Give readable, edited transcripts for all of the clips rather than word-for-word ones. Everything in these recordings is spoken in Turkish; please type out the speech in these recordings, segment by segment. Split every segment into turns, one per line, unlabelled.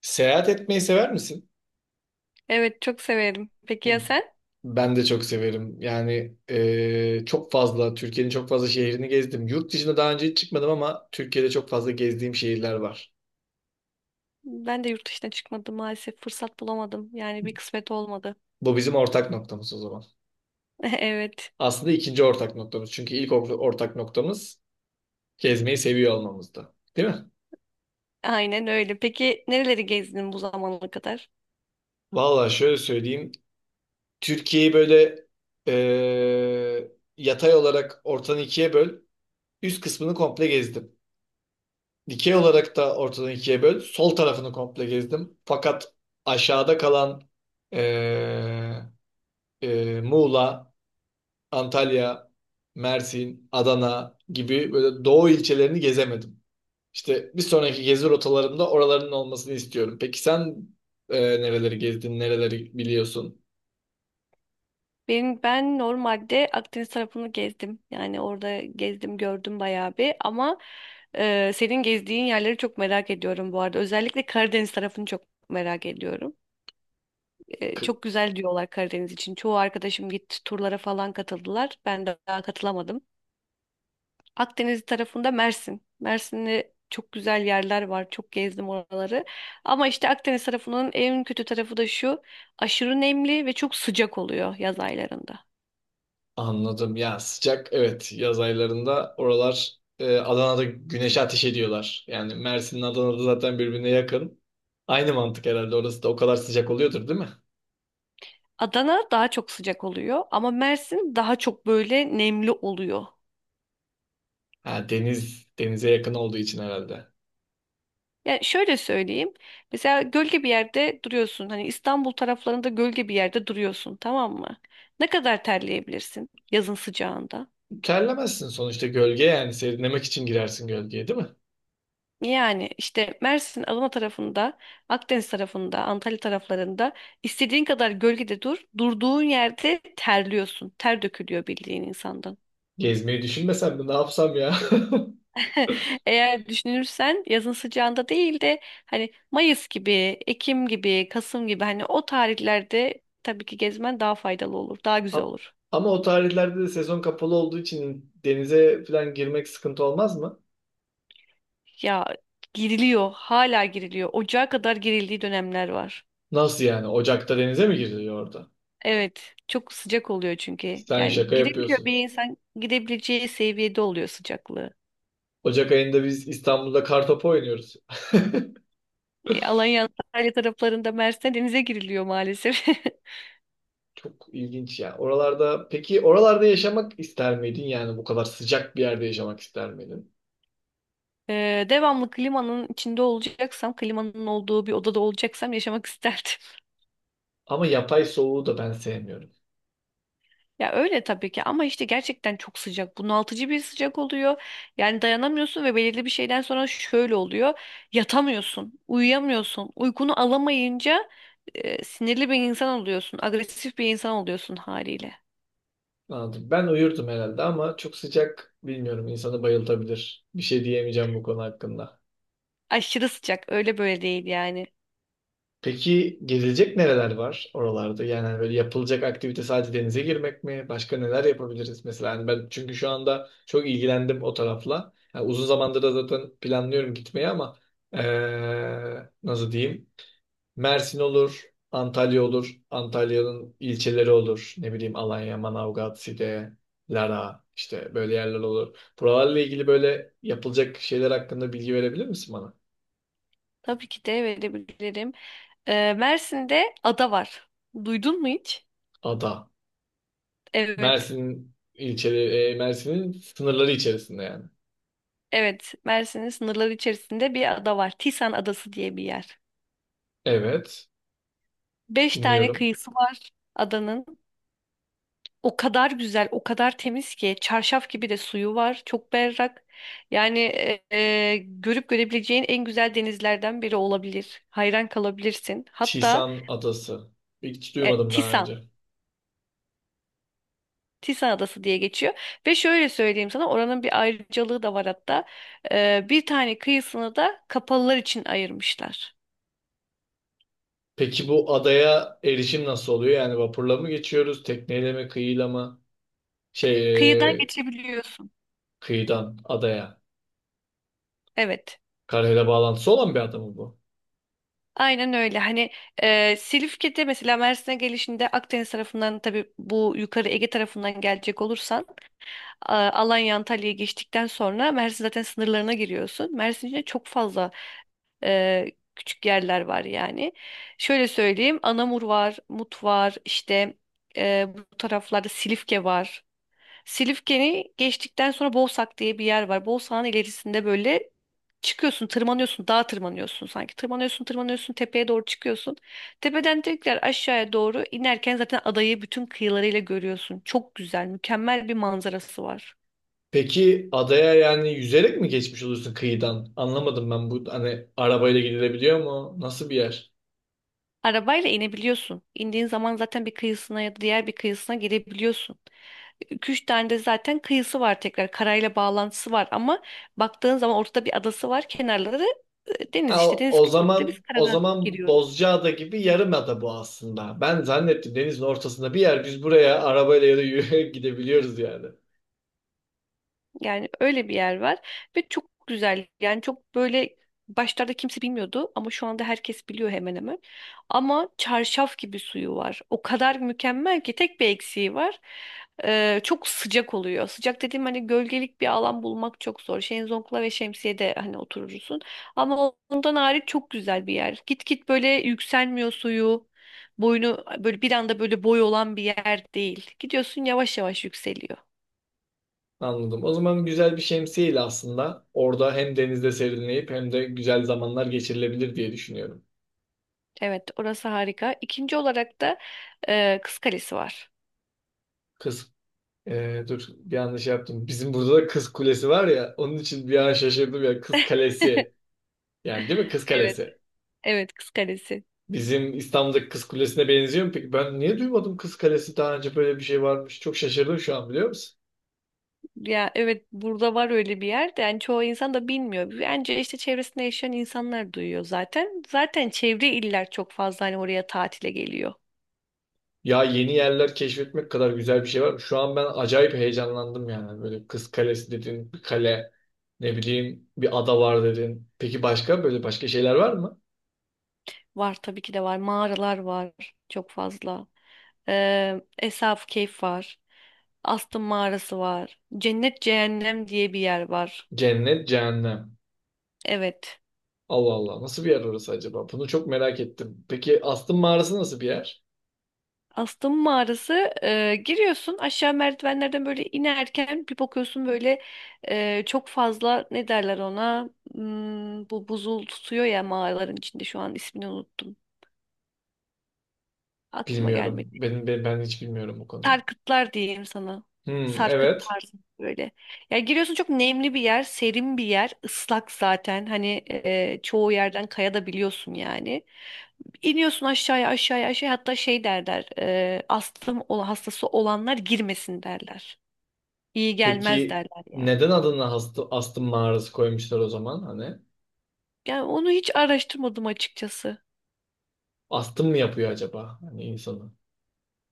Seyahat etmeyi sever misin?
Evet çok severim. Peki ya sen?
Ben de çok severim. Çok fazla, Türkiye'nin çok fazla şehrini gezdim. Yurt dışına daha önce hiç çıkmadım ama Türkiye'de çok fazla gezdiğim şehirler var.
Ben de yurt dışına çıkmadım maalesef. Fırsat bulamadım. Yani bir kısmet olmadı.
Bu bizim ortak noktamız o zaman.
Evet.
Aslında ikinci ortak noktamız. Çünkü ortak noktamız gezmeyi seviyor olmamızda. Değil mi?
Aynen öyle. Peki nereleri gezdin bu zamana kadar?
Vallahi şöyle söyleyeyim. Türkiye'yi böyle e, yatay olarak ortadan ikiye böl. Üst kısmını komple gezdim. Dikey olarak da ortadan ikiye böl. Sol tarafını komple gezdim. Fakat aşağıda kalan eee, Muğla, Antalya, Mersin, Adana gibi böyle doğu ilçelerini gezemedim. İşte bir sonraki gezi rotalarımda oraların olmasını istiyorum. Peki sen nereleri gezdin, nereleri biliyorsun?
Ben normalde Akdeniz tarafını gezdim. Yani orada gezdim gördüm bayağı bir ama senin gezdiğin yerleri çok merak ediyorum bu arada. Özellikle Karadeniz tarafını çok merak ediyorum. Çok güzel diyorlar Karadeniz için. Çoğu arkadaşım gitti turlara falan katıldılar. Ben de daha katılamadım. Akdeniz tarafında Mersin. Mersin'de çok güzel yerler var. Çok gezdim oraları. Ama işte Akdeniz tarafının en kötü tarafı da şu. Aşırı nemli ve çok sıcak oluyor yaz aylarında.
Anladım. Ya sıcak evet yaz aylarında oralar, Adana'da güneşe ateş ediyorlar. Yani Mersin'le Adana'da zaten birbirine yakın. Aynı mantık herhalde orası da o kadar sıcak oluyordur değil mi?
Adana daha çok sıcak oluyor ama Mersin daha çok böyle nemli oluyor.
Ha, deniz denize yakın olduğu için herhalde.
Yani şöyle söyleyeyim. Mesela gölge bir yerde duruyorsun. Hani İstanbul taraflarında gölge bir yerde duruyorsun, tamam mı? Ne kadar terleyebilirsin yazın sıcağında?
Terlemezsin sonuçta gölge yani serinlemek için girersin gölgeye değil mi?
Yani işte Mersin, Adana tarafında, Akdeniz tarafında, Antalya taraflarında istediğin kadar gölgede dur. Durduğun yerde terliyorsun. Ter dökülüyor bildiğin insandan.
Gezmeyi düşünmesem mi ne yapsam ya?
Eğer düşünürsen yazın sıcağında değil de hani Mayıs gibi, Ekim gibi, Kasım gibi hani o tarihlerde tabii ki gezmen daha faydalı olur, daha
A-
güzel olur.
Ama o tarihlerde de sezon kapalı olduğu için denize falan girmek sıkıntı olmaz mı?
Ya giriliyor, hala giriliyor. Ocağa kadar girildiği dönemler var.
Nasıl yani? Ocak'ta denize mi giriliyor orada?
Evet, çok sıcak oluyor çünkü.
Sen
Yani
şaka
girebiliyor bir
yapıyorsun.
insan girebileceği seviyede oluyor sıcaklığı.
Ocak ayında biz İstanbul'da kartopu oynuyoruz.
Alanya, Antalya taraflarında Mersin'de denize giriliyor maalesef.
Çok ilginç ya. Oralarda peki oralarda yaşamak ister miydin? Yani bu kadar sıcak bir yerde yaşamak ister miydin?
Devamlı klimanın içinde olacaksam, klimanın olduğu bir odada olacaksam yaşamak isterdim.
Ama yapay soğuğu da ben sevmiyorum.
Ya öyle tabii ki ama işte gerçekten çok sıcak. Bunaltıcı bir sıcak oluyor. Yani dayanamıyorsun ve belirli bir şeyden sonra şöyle oluyor. Yatamıyorsun, uyuyamıyorsun. Uykunu alamayınca sinirli bir insan oluyorsun, agresif bir insan oluyorsun haliyle.
Anladım. Ben uyurdum herhalde ama çok sıcak bilmiyorum insanı bayıltabilir. Bir şey diyemeyeceğim bu konu hakkında.
Aşırı sıcak, öyle böyle değil yani.
Peki gezilecek nereler var oralarda? Yani hani böyle yapılacak aktivite sadece denize girmek mi? Başka neler yapabiliriz mesela? Hani ben çünkü şu anda çok ilgilendim o tarafla. Yani uzun zamandır da zaten planlıyorum gitmeyi ama nasıl diyeyim? Mersin olur, Antalya olur, Antalya'nın ilçeleri olur. Ne bileyim Alanya, Manavgat, Side, Lara işte böyle yerler olur. Buralarla ilgili böyle yapılacak şeyler hakkında bilgi verebilir misin bana?
Tabii ki de verebilirim. Mersin'de ada var. Duydun mu hiç?
Ada.
Evet.
Mersin'in sınırları içerisinde yani.
Evet, Mersin'in sınırları içerisinde bir ada var. Tisan Adası diye bir yer.
Evet,
Beş tane
dinliyorum.
kıyısı var adanın. O kadar güzel, o kadar temiz ki çarşaf gibi de suyu var. Çok berrak. Yani görüp görebileceğin en güzel denizlerden biri olabilir. Hayran kalabilirsin. Hatta
Tisan Adası. Hiç
e,
duymadım daha
Tisan,
önce.
Tisan Adası diye geçiyor. Ve şöyle söyleyeyim sana oranın bir ayrıcalığı da var hatta. Bir tane kıyısını da kapalılar için ayırmışlar.
Peki bu adaya erişim nasıl oluyor? Yani vapurla mı geçiyoruz, tekneyle mi, kıyıyla mı?
Kıyıdan
Şey, e,
geçebiliyorsun.
kıyıdan adaya.
Evet.
Karayla bağlantısı olan bir ada mı bu?
Aynen öyle. Hani Silifke'de mesela Mersin'e gelişinde Akdeniz tarafından tabii bu yukarı Ege tarafından gelecek olursan Alanya Antalya'ya geçtikten sonra Mersin zaten sınırlarına giriyorsun. Mersin içinde çok fazla e, küçük yerler var yani. Şöyle söyleyeyim Anamur var, Mut var işte bu taraflarda Silifke var. Silifke'ni geçtikten sonra Boğsak diye bir yer var. Boğsak'ın ilerisinde böyle çıkıyorsun, tırmanıyorsun, dağa tırmanıyorsun sanki. Tırmanıyorsun, tırmanıyorsun, tepeye doğru çıkıyorsun. Tepeden tekrar aşağıya doğru inerken zaten adayı bütün kıyılarıyla görüyorsun. Çok güzel, mükemmel bir manzarası var.
Peki adaya yani yüzerek mi geçmiş oluyorsun kıyıdan? Anlamadım ben bu hani arabayla gidilebiliyor mu? Nasıl bir yer?
Arabayla inebiliyorsun. İndiğin zaman zaten bir kıyısına ya da diğer bir kıyısına girebiliyorsun. 2-3 tane de zaten kıyısı var tekrar. Karayla bağlantısı var ama baktığın zaman ortada bir adası var. Kenarları deniz
Ha,
işte.
o,
Deniz
o
kıyıları biz
zaman o
karadan
zaman
giriyoruz.
Bozcaada gibi yarımada bu aslında. Ben zannettim denizin ortasında bir yer biz buraya arabayla ya da yürüyerek gidebiliyoruz yani.
Yani öyle bir yer var ve çok güzel. Yani çok böyle başlarda kimse bilmiyordu ama şu anda herkes biliyor hemen hemen. Ama çarşaf gibi suyu var. O kadar mükemmel ki tek bir eksiği var. Çok sıcak oluyor. Sıcak dediğim hani gölgelik bir alan bulmak çok zor. Şezlongla ve şemsiyede hani oturursun. Ama ondan hariç çok güzel bir yer. Git git böyle yükselmiyor suyu. Boyunu böyle bir anda böyle boy olan bir yer değil. Gidiyorsun yavaş yavaş yükseliyor.
Anladım. O zaman güzel bir şemsiyeyle aslında orada hem denizde serinleyip hem de güzel zamanlar geçirilebilir diye düşünüyorum.
Evet, orası harika. İkinci olarak da Kız Kalesi var.
Kız... dur bir yanlış yaptım. Bizim burada da Kız Kulesi var ya onun için bir an şaşırdım ya Kız Kalesi. Yani değil mi Kız
Evet,
Kalesi?
evet Kız Kalesi.
Bizim İstanbul'daki Kız Kulesi'ne benziyor mu peki? Ben niye duymadım Kız Kalesi daha önce böyle bir şey varmış. Çok şaşırdım şu an biliyor musun?
Ya evet burada var öyle bir yer de yani çoğu insan da bilmiyor. Bence işte çevresinde yaşayan insanlar duyuyor zaten. Zaten çevre iller çok fazla hani oraya tatile geliyor.
Ya yeni yerler keşfetmek kadar güzel bir şey var. Şu an ben acayip heyecanlandım yani. Böyle Kız Kalesi dedin, bir kale, ne bileyim bir ada var dedin. Peki başka böyle şeyler var mı?
Var tabii ki de var. Mağaralar var çok fazla. Esaf Keyf var. Astım Mağarası var. Cennet Cehennem diye bir yer var.
Cennet, cehennem.
Evet.
Allah Allah nasıl bir yer orası acaba? Bunu çok merak ettim. Peki Astım Mağarası nasıl bir yer?
Astım mağarası giriyorsun aşağı merdivenlerden böyle inerken bir bakıyorsun böyle çok fazla ne derler ona. Hmm, bu buzul tutuyor ya mağaraların içinde şu an ismini unuttum, aklıma gelmedi.
Bilmiyorum. Ben hiç bilmiyorum bu konuyu.
Sarkıtlar diyeyim sana.
Hmm,
Sarkıt
evet.
tarzı böyle. Ya giriyorsun çok nemli bir yer, serin bir yer, ıslak zaten. Hani çoğu yerden kaya da biliyorsun yani. İniyorsun aşağıya aşağıya aşağıya hatta şey derler. Hastası olanlar girmesin derler. İyi gelmez
Peki
derler yani.
neden adına hastı, astım mağarası koymuşlar o zaman hani?
Yani onu hiç araştırmadım açıkçası.
Astım mı yapıyor acaba hani insanı?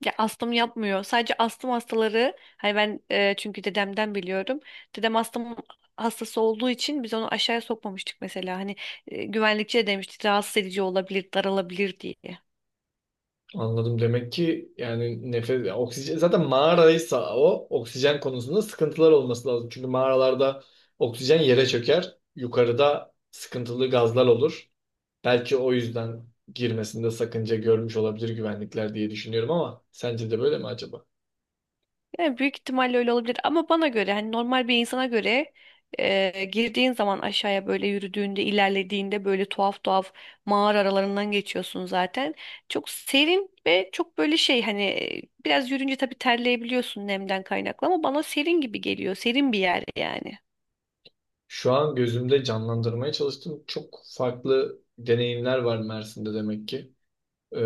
Ya astım yapmıyor. Sadece astım hastaları hani ben çünkü dedemden biliyorum. Dedem astım hastası olduğu için biz onu aşağıya sokmamıştık mesela. Hani güvenlikçi de demişti rahatsız edici olabilir, daralabilir diye.
Anladım demek ki yani nefes oksijen zaten mağaraysa o oksijen konusunda sıkıntılar olması lazım. Çünkü mağaralarda oksijen yere çöker. Yukarıda sıkıntılı gazlar olur. Belki o yüzden girmesinde sakınca görmüş olabilir güvenlikler diye düşünüyorum ama sence de böyle mi acaba?
Yani büyük ihtimalle öyle olabilir ama bana göre hani normal bir insana göre girdiğin zaman aşağıya böyle yürüdüğünde ilerlediğinde böyle tuhaf tuhaf mağara aralarından geçiyorsun zaten. Çok serin ve çok böyle şey hani biraz yürünce tabii terleyebiliyorsun nemden kaynaklı ama bana serin gibi geliyor. Serin bir yer yani.
Şu an gözümde canlandırmaya çalıştım. Çok farklı deneyimler var Mersin'de demek ki. Ee,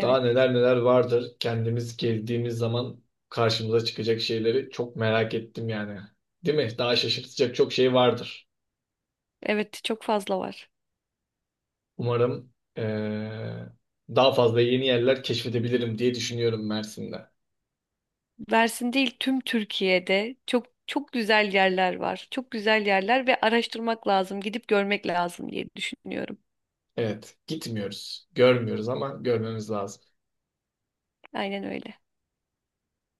daha neler neler vardır. Kendimiz gezdiğimiz zaman karşımıza çıkacak şeyleri çok merak ettim yani. Değil mi? Daha şaşırtacak çok şey vardır.
Evet çok fazla var.
Umarım daha fazla yeni yerler keşfedebilirim diye düşünüyorum Mersin'de.
Mersin değil tüm Türkiye'de çok çok güzel yerler var. Çok güzel yerler ve araştırmak lazım, gidip görmek lazım diye düşünüyorum.
Evet, gitmiyoruz, görmüyoruz ama görmemiz lazım.
Aynen öyle.